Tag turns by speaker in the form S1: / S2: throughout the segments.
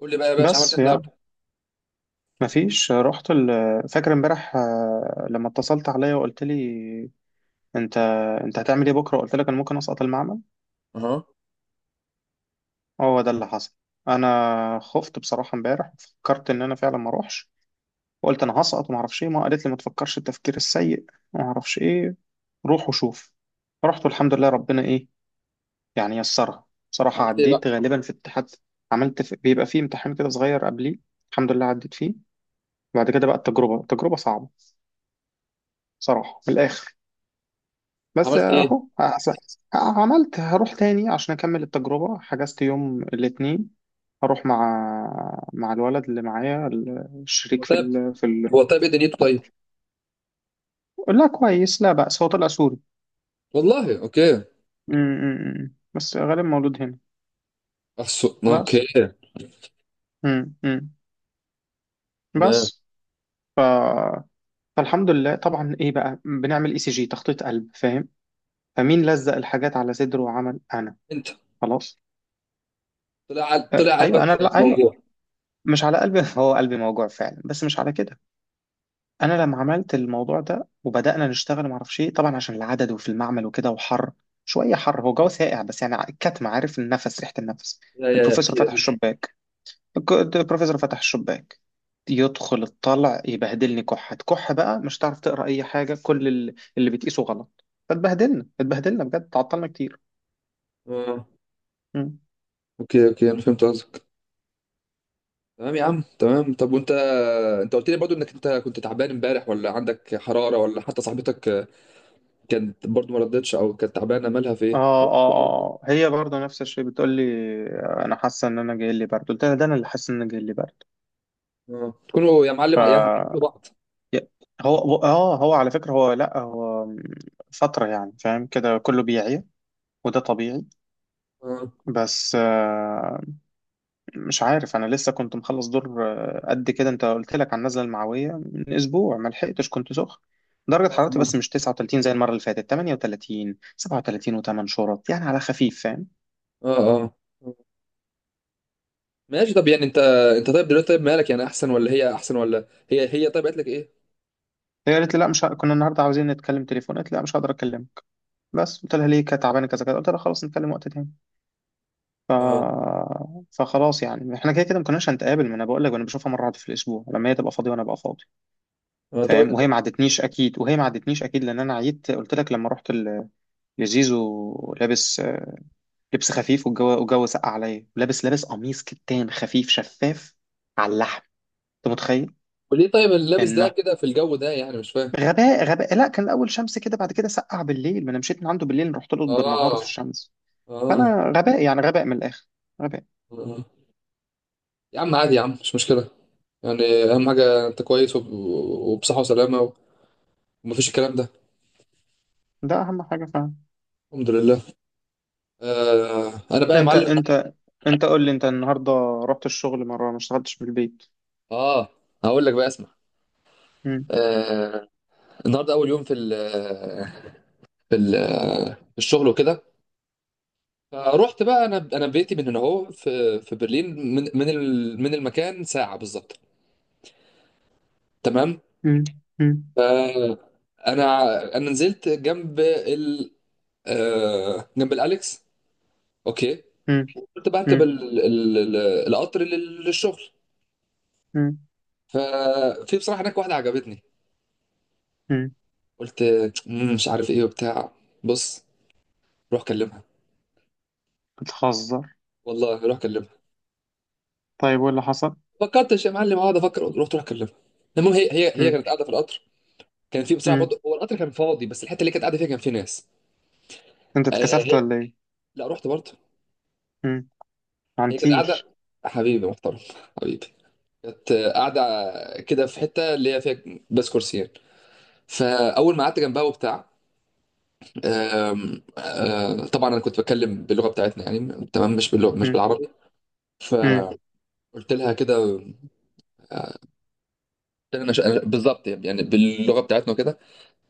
S1: قول لي بقى يا باشا، عملت ايه
S2: بس يعني،
S1: النهارده؟
S2: مفيش، رحت فاكر امبارح، لما اتصلت عليا وقلت لي انت انت هتعمل ايه بكره؟ قلت لك انا ممكن اسقط المعمل.
S1: اها.
S2: هو ده اللي حصل. انا خفت بصراحه. امبارح فكرت ان انا فعلا ما اروحش، وقلت انا هسقط وما اعرفش ايه. ما قالت لي: ما تفكرش التفكير السيء وما اعرفش ايه، روح وشوف. رحت والحمد لله، ربنا ايه يعني يسرها. بصراحه
S1: عملت ايه بقى؟
S2: عديت، غالبا في اتحاد. بيبقى فيه امتحان كده صغير قبليه. الحمد لله عديت فيه. بعد كده بقى التجربه، تجربه صعبه بصراحه، من الاخر. بس
S1: عملت ايه؟
S2: اهو هحس- عملت هروح تاني عشان اكمل التجربة. حجزت يوم الاثنين. هروح مع مع الولد اللي معايا،
S1: هو
S2: الشريك
S1: طيب. هو طيب، ايه دنيته طيب؟
S2: لا كويس، لا بأس، هو طلع سوري.
S1: والله اوكي.
S2: م- م- م. بس غالبا مولود هنا.
S1: احسن، اوكي.
S2: بس م- م.
S1: تمام.
S2: بس ف... فالحمد لله. طبعا ايه بقى؟ بنعمل ECG، تخطيط قلب، فاهم؟ فمين لزق الحاجات على صدره وعمل انا
S1: انت
S2: خلاص.
S1: طلع
S2: ايوه انا،
S1: قلبك
S2: لا ايوه،
S1: موجوع؟
S2: مش على قلبي. هو قلبي موجوع فعلا بس مش على كده. انا لما عملت الموضوع ده وبدانا نشتغل، ما اعرفش ايه طبعا عشان العدد وفي المعمل وكده، وحر شويه. حر. هو جو ساقع بس يعني الكتم، عارف، النفس، ريحه النفس.
S1: يا يا يا
S2: البروفيسور
S1: اكيد
S2: فتح
S1: اكيد.
S2: الشباك. البروفيسور فتح الشباك، يدخل الطلع، يبهدلني، كحه كحه بقى. مش هتعرف تقرا اي حاجه. اللي بتقيسه غلط. اتبهدلنا بجد، تعطلنا كتير.
S1: اه.
S2: مم.
S1: اوكي، اوكي، انا فهمت قصدك. تمام يا عم، تمام. طب وانت، قلت لي برضو انك كنت تعبان امبارح، ولا عندك حراره، ولا حتى صاحبتك كانت برضو ما ردتش، او كانت تعبانه مالها في
S2: اه
S1: ايه؟
S2: اه اه، آه. هي برضه نفس الشيء، بتقول لي انا حاسه ان انا جاي لي برد. قلت لها: ده انا اللي حاسه ان انا جاي لي برد.
S1: اه، تكونوا يا معلم يا أهل بعض.
S2: هو على فكرة، هو، لا، هو فترة يعني، فاهم، كده كله بيعيا، وده طبيعي.
S1: اه
S2: بس مش عارف، انا لسه كنت مخلص دور. قد كده. انت قلت لك على النزلة المعوية من اسبوع، ما لحقتش، كنت سخن. درجة
S1: اه
S2: حرارتي
S1: اه
S2: بس مش 39 زي المرة اللي فاتت، 38، 37 و8 شرط، يعني على خفيف، فاهم.
S1: اه أه. ماشي. طب يعني انت، طيب دلوقتي، طيب مالك يعني، احسن ولا هي احسن، ولا هي طيب قالت لك ايه؟
S2: هي قالت لي لا، مش ه... كنا النهارده عاوزين نتكلم تليفون، قالت لي لا مش هقدر اكلمك. بس قلت لها ليه؟ كانت تعبانة كذا كذا. قلت لها خلاص، نتكلم وقت تاني. ف...
S1: اه،
S2: فخلاص يعني، احنا كده كده ما كناش هنتقابل. ما انا بقول لك، انا بشوفها مره واحده في الاسبوع لما هي تبقى فاضيه وانا ابقى فاضي،
S1: اه. طب
S2: فاهم.
S1: انت،
S2: وهي ما عدتنيش اكيد، وهي ما عدتنيش اكيد لان انا عيت. قلت لك لما لزيزو لابس، لبس خفيف. والجو سقع عليا. لابس قميص كتان خفيف شفاف على اللحم، انت متخيل؟
S1: وليه طيب اللابس ده
S2: انه
S1: كده في الجو ده، يعني مش فاهم؟
S2: غباء، غباء. لا كان الاول شمس كده، بعد كده سقع بالليل. ما انا مشيت من عنده بالليل، رحت له بالنهار في
S1: اه،
S2: الشمس.
S1: اه،
S2: فانا غباء يعني، غباء من الاخر، غباء.
S1: اه. يا عم عادي، يا عم مش مشكله. يعني اهم حاجه انت كويس، وبصحه وسلامه، ومفيش الكلام ده.
S2: ده اهم حاجه.
S1: الحمد لله. انا بقى يا
S2: انت
S1: معلم،
S2: انت انت قول لي، انت النهارده رحت الشغل مره ما اشتغلتش من البيت؟
S1: اه، هقول لك بقى اسمع.
S2: مم.
S1: آه النهارده اول يوم في ال في ال في الشغل وكده. فروحت بقى، انا بيتي من هنا اهو، في في برلين، من المكان ساعه بالظبط. تمام.
S2: مم. مم.
S1: ف- انا انا نزلت جنب ال آه، جنب الاليكس. اوكي.
S2: مم.
S1: قلت بركب
S2: مم.
S1: القطر للشغل.
S2: مم.
S1: ففي بصراحه هناك واحده عجبتني.
S2: مم.
S1: قلت: مش عارف ايه وبتاع، بص، روح كلمها،
S2: بتهزر.
S1: والله روح كلمها".
S2: طيب، وايه اللي حصل؟
S1: فكرتش يا معلم اقعد افكر، رحت روح كلمها. المهم، هي
S2: مم.
S1: كانت قاعده في القطر. كان في بصراحه
S2: مم.
S1: برضه، هو القطر كان فاضي، بس الحته اللي كانت قاعده فيها كان في ناس.
S2: انت
S1: آه
S2: اتكسفت
S1: هي
S2: ولا ايه؟
S1: لا، رحت برضه.
S2: مم.
S1: هي كانت
S2: عنتيل.
S1: قاعده. حبيبي محترم حبيبي. كانت قاعده كده في حته اللي هي فيها، بس كرسيين. فاول ما قعدت جنبها وبتاع، آم، آه، طبعا انا كنت بتكلم باللغه بتاعتنا، يعني تمام مش باللغه، مش
S2: مم.
S1: بالعربي.
S2: مم.
S1: فقلت لها كده، آه، قلت لها بالظبط يعني باللغه بتاعتنا وكده.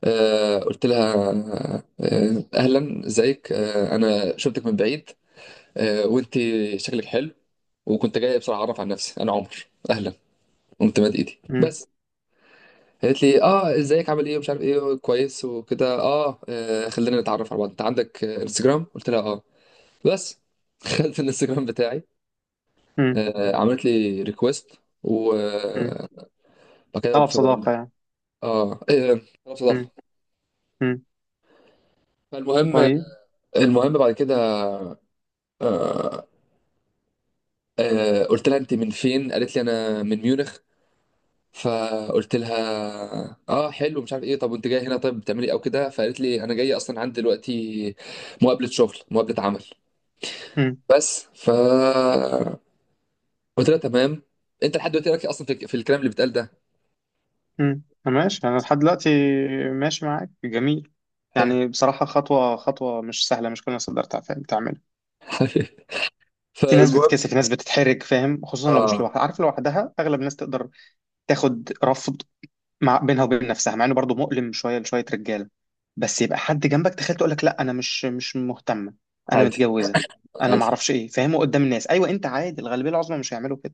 S1: قلت لها اهلا ازيك، انا شفتك من بعيد، وانت شكلك حلو، وكنت جاي بسرعه اعرف عن نفسي، انا عمر، اهلا. قمت مد ايدي
S2: مم.
S1: بس. قالت لي اه ازيك عامل ايه ومش عارف ايه كويس وكده. اه، خلينا نتعرف على بعض، انت عندك انستجرام؟ قلت لها اه. بس دخلت الانستجرام بتاعي،
S2: مم.
S1: عملت لي ريكويست،
S2: مم.
S1: وبعد كده
S2: طلب
S1: فبقول لها
S2: صداقه يعني.
S1: اه، إيه، آه، طلب صداقه.
S2: مم. مم.
S1: فالمهم،
S2: طيب.
S1: المهم بعد كده، آه، قلت لها انت من فين؟ قالت لي انا من ميونخ. فقلت لها اه حلو، مش عارف ايه، طب وانت جايه هنا طيب بتعملي إيه او كده؟ فقالت لي انا جايه اصلا عندي دلوقتي مقابله شغل، مقابله عمل.
S2: مم.
S1: بس ف قلت لها تمام. انت لحد دلوقتي راكي اصلا في، في الكلام اللي بيتقال ده؟
S2: مم. ماشي، انا لحد دلوقتي ماشي معاك، جميل. يعني
S1: حلو.
S2: بصراحه خطوه خطوه، مش سهله، مش كل الناس تقدر تعملها. في ناس
S1: فالمهم،
S2: بتتكسف، في ناس بتتحرج، فاهم، خصوصا لو مش
S1: اه،
S2: لوحدها. عارف لوحدها اغلب الناس تقدر تاخد رفض مع بينها وبين نفسها، مع انه برضه مؤلم شويه لشويه رجاله. بس يبقى حد جنبك، تخيل، تقول لك لا انا مش مش مهتمه، انا
S1: عادي،
S2: متجوزه، انا ما
S1: عادي.
S2: اعرفش ايه، فاهمه؟ قدام الناس، ايوه، انت عادي، الغالبيه العظمى مش هيعملوا كده،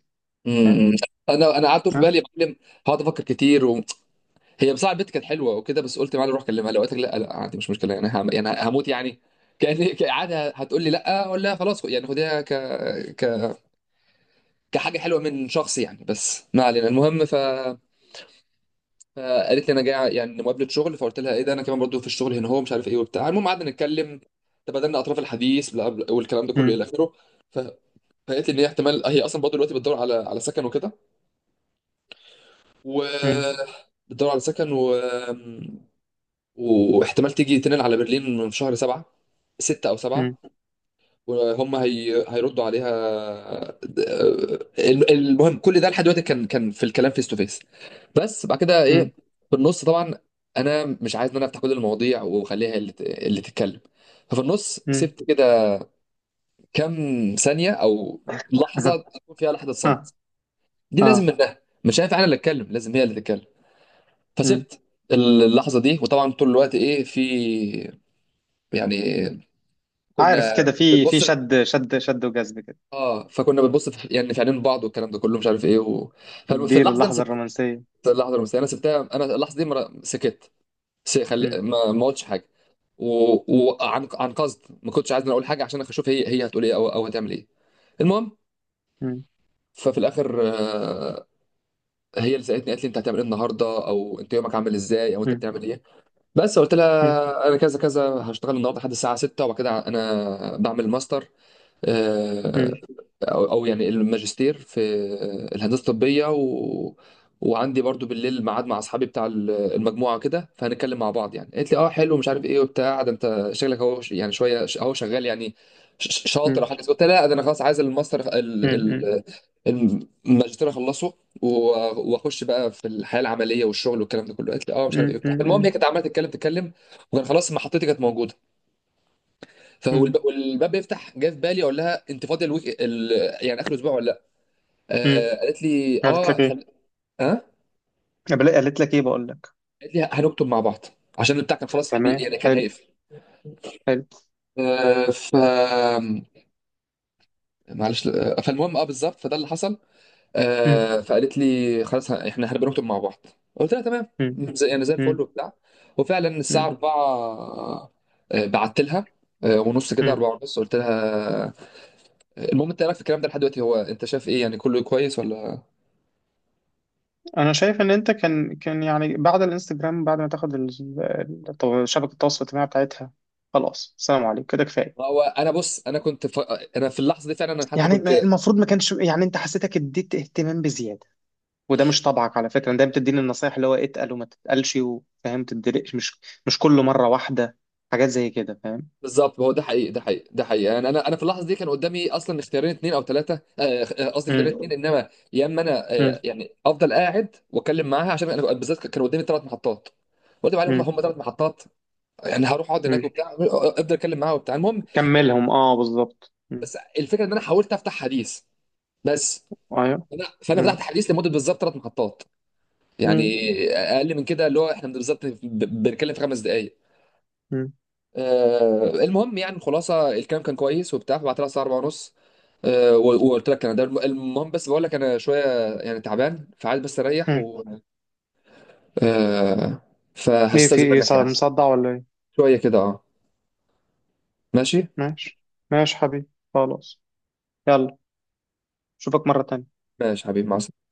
S2: فاهم.
S1: امم، انا قعدت في
S2: ها؟
S1: بالي يا معلم، هقعد افكر كتير، وهي بصراحه البنت كانت حلوه وكده، بس قلت معلم روح كلمها، لو قالت لك لا لا عادي مش مشكله، يعني يعني هموت يعني؟ كان عادي هتقول لي لا، اقول لها خلاص، يعني خديها ك... ك كحاجه حلوه من شخص يعني. بس ما علينا، المهم فقالت لي انا جاي يعني مقابله شغل، فقلت لها ايه ده انا كمان برضو في الشغل هنا، هو مش عارف ايه وبتاع. المهم قعدنا نتكلم، تبادلنا اطراف الحديث والكلام ده كله
S2: مم.
S1: الى اخره. ف... فقالت لي ان هي احتمال، هي اصلا برضو دلوقتي بتدور على سكن وكده، و
S2: مم.
S1: بتدور على سكن، واحتمال تيجي تنقل على برلين في شهر 7، 6 او 7،
S2: مم.
S1: هيردوا عليها. المهم، كل ده لحد دلوقتي كان في الكلام فيس تو فيس، بس بعد كده
S2: مم.
S1: ايه، في النص طبعا، انا مش عايز ان انا افتح كل المواضيع، واخليها هي اللي اللي تتكلم. ففي النص
S2: مم.
S1: سبت كده كام ثانيه او لحظه، تكون فيها لحظه
S2: اه
S1: صمت. دي لازم
S2: اه.
S1: منها، مش هينفع انا اللي اتكلم، لازم هي اللي تتكلم.
S2: مم.
S1: فسبت اللحظه دي، وطبعا طول الوقت ايه في، يعني،
S2: عارف
S1: كنا
S2: كده، في
S1: بنبص.
S2: شد شد شد وجذب كده.
S1: اه، فكنا بنبص في، يعني في عينين بعض، والكلام ده كله مش عارف ايه ففي
S2: اديله
S1: اللحظه دي انا
S2: اللحظه
S1: سبت
S2: الرومانسيه.
S1: اللحظه المسيئه، انا سبتها، انا اللحظه دي ما سكت،
S2: مم.
S1: ما قلتش حاجه و... وعن قصد ما كنتش عايز إن أنا اقول حاجه عشان اشوف هي هتقول ايه او هتعمل ايه. المهم،
S2: مم.
S1: ففي الاخر هي اللي سالتني، قالت لي انت هتعمل ايه النهارده، او انت يومك عامل ازاي، او انت
S2: مم.
S1: بتعمل ايه. بس قلت لها انا كذا كذا، هشتغل النهارده لحد الساعه 6، وبعد كده انا بعمل ماستر،
S2: مم.
S1: آه، او يعني الماجستير في الهندسه الطبيه، وعندي برضو بالليل ميعاد مع اصحابي بتاع المجموعه كده، فهنتكلم مع بعض يعني. قالت لي اه حلو، مش عارف ايه وبتاع، ده انت شكلك اهو، يعني شويه، اهو شغال يعني، شاطر
S2: مم.
S1: او حاجه زي كده. قلت لها لا، ده انا خلاص عايز الماستر
S2: امم
S1: الماجستير اخلصه، و- واخش بقى في الحياه العمليه والشغل والكلام ده كله. قالت لي اه مش عارف ايه
S2: امم.
S1: وبتاع. المهم هي كانت عماله تتكلم تتكلم، وكان خلاص محطتي كانت موجوده،
S2: امم.
S1: والباب بيفتح، جه في بالي اقول لها انت فاضيه الويك يعني اخر اسبوع ولا؟
S2: امم.
S1: آه، قالت لي
S2: قالت لك
S1: اه
S2: ايه؟
S1: اه
S2: قالت لك ايه بقول لك؟
S1: قالت لي هنكتب مع بعض، عشان البتاع كان خلاص
S2: تمام،
S1: يعني كان
S2: حلو.
S1: هيقفل.
S2: حلو.
S1: آه ف معلش، فالمهم اه بالظبط، فده اللي حصل.
S2: مم.
S1: فقالت لي خلاص، احنا هنبقى نكتب مع بعض. قلت لها تمام،
S2: مم.
S1: زي يعني زي الفل
S2: مم.
S1: وبتاع. وفعلا الساعه
S2: مم.
S1: 4، بعت لها، ونص كده،
S2: مم.
S1: 4 ونص قلت لها، آه، المهم انت إيه رايك في الكلام ده لحد دلوقتي، هو انت شايف ايه يعني كله كويس ولا؟
S2: انا شايف ان انت كان يعني بعد الانستجرام، بعد ما تاخد شبكه التواصل الاجتماعي بتاعتها، خلاص السلام عليكم كده كفايه.
S1: هو انا بص، انا كنت انا في اللحظه دي فعلا انا حتى
S2: يعني
S1: كنت
S2: المفروض ما كانش، يعني انت حسيتك اديت اهتمام بزياده، وده مش طبعك على فكره. أنا دايما بتديني النصايح اللي هو اتقل وما تتقلش وفاهم تدرقش، مش كل مره واحده، حاجات زي كده، فاهم.
S1: بالظبط، هو ده حقيقي، ده حقيقي، ده حقيقي، يعني انا في اللحظه دي كان قدامي اصلا اختيارين اثنين او ثلاثه، قصدي اختيارين
S2: مم.
S1: اثنين، انما يا اما انا يعني افضل قاعد واتكلم معاها، عشان انا بالذات كان قدامي ثلاث محطات، قلت عليهم
S2: مم.
S1: هم ثلاث محطات، يعني هروح اقعد
S2: مم.
S1: هناك وبتاع، افضل اتكلم معاها وبتاع. المهم ال-
S2: كملهم، اه بالظبط. م.
S1: بس الفكره ان انا حاولت افتح حديث، بس
S2: ايوه.
S1: فانا
S2: م.
S1: فتحت حديث لمده بالظبط ثلاث محطات، يعني
S2: م.
S1: اقل من كده، اللي هو احنا بالظبط بنتكلم في 5 دقائق.
S2: م.
S1: المهم يعني الخلاصه، الكلام كان كويس وبتاع. فبعت لها الساعه 4 ونص، وقلت لك انا ده المهم، بس بقول لك انا شويه يعني تعبان، فعايز بس اريح،
S2: م.
S1: آه،
S2: ايه، في
S1: فهستاذن
S2: ايه؟
S1: منك يعني
S2: مصدع ولا ايه؟
S1: شويه كده. اه، ماشي،
S2: ماشي. ماشي حبيبي، خلاص. يلا، اشوفك مرة تانية.
S1: ماشي حبيبي، مع السلامه.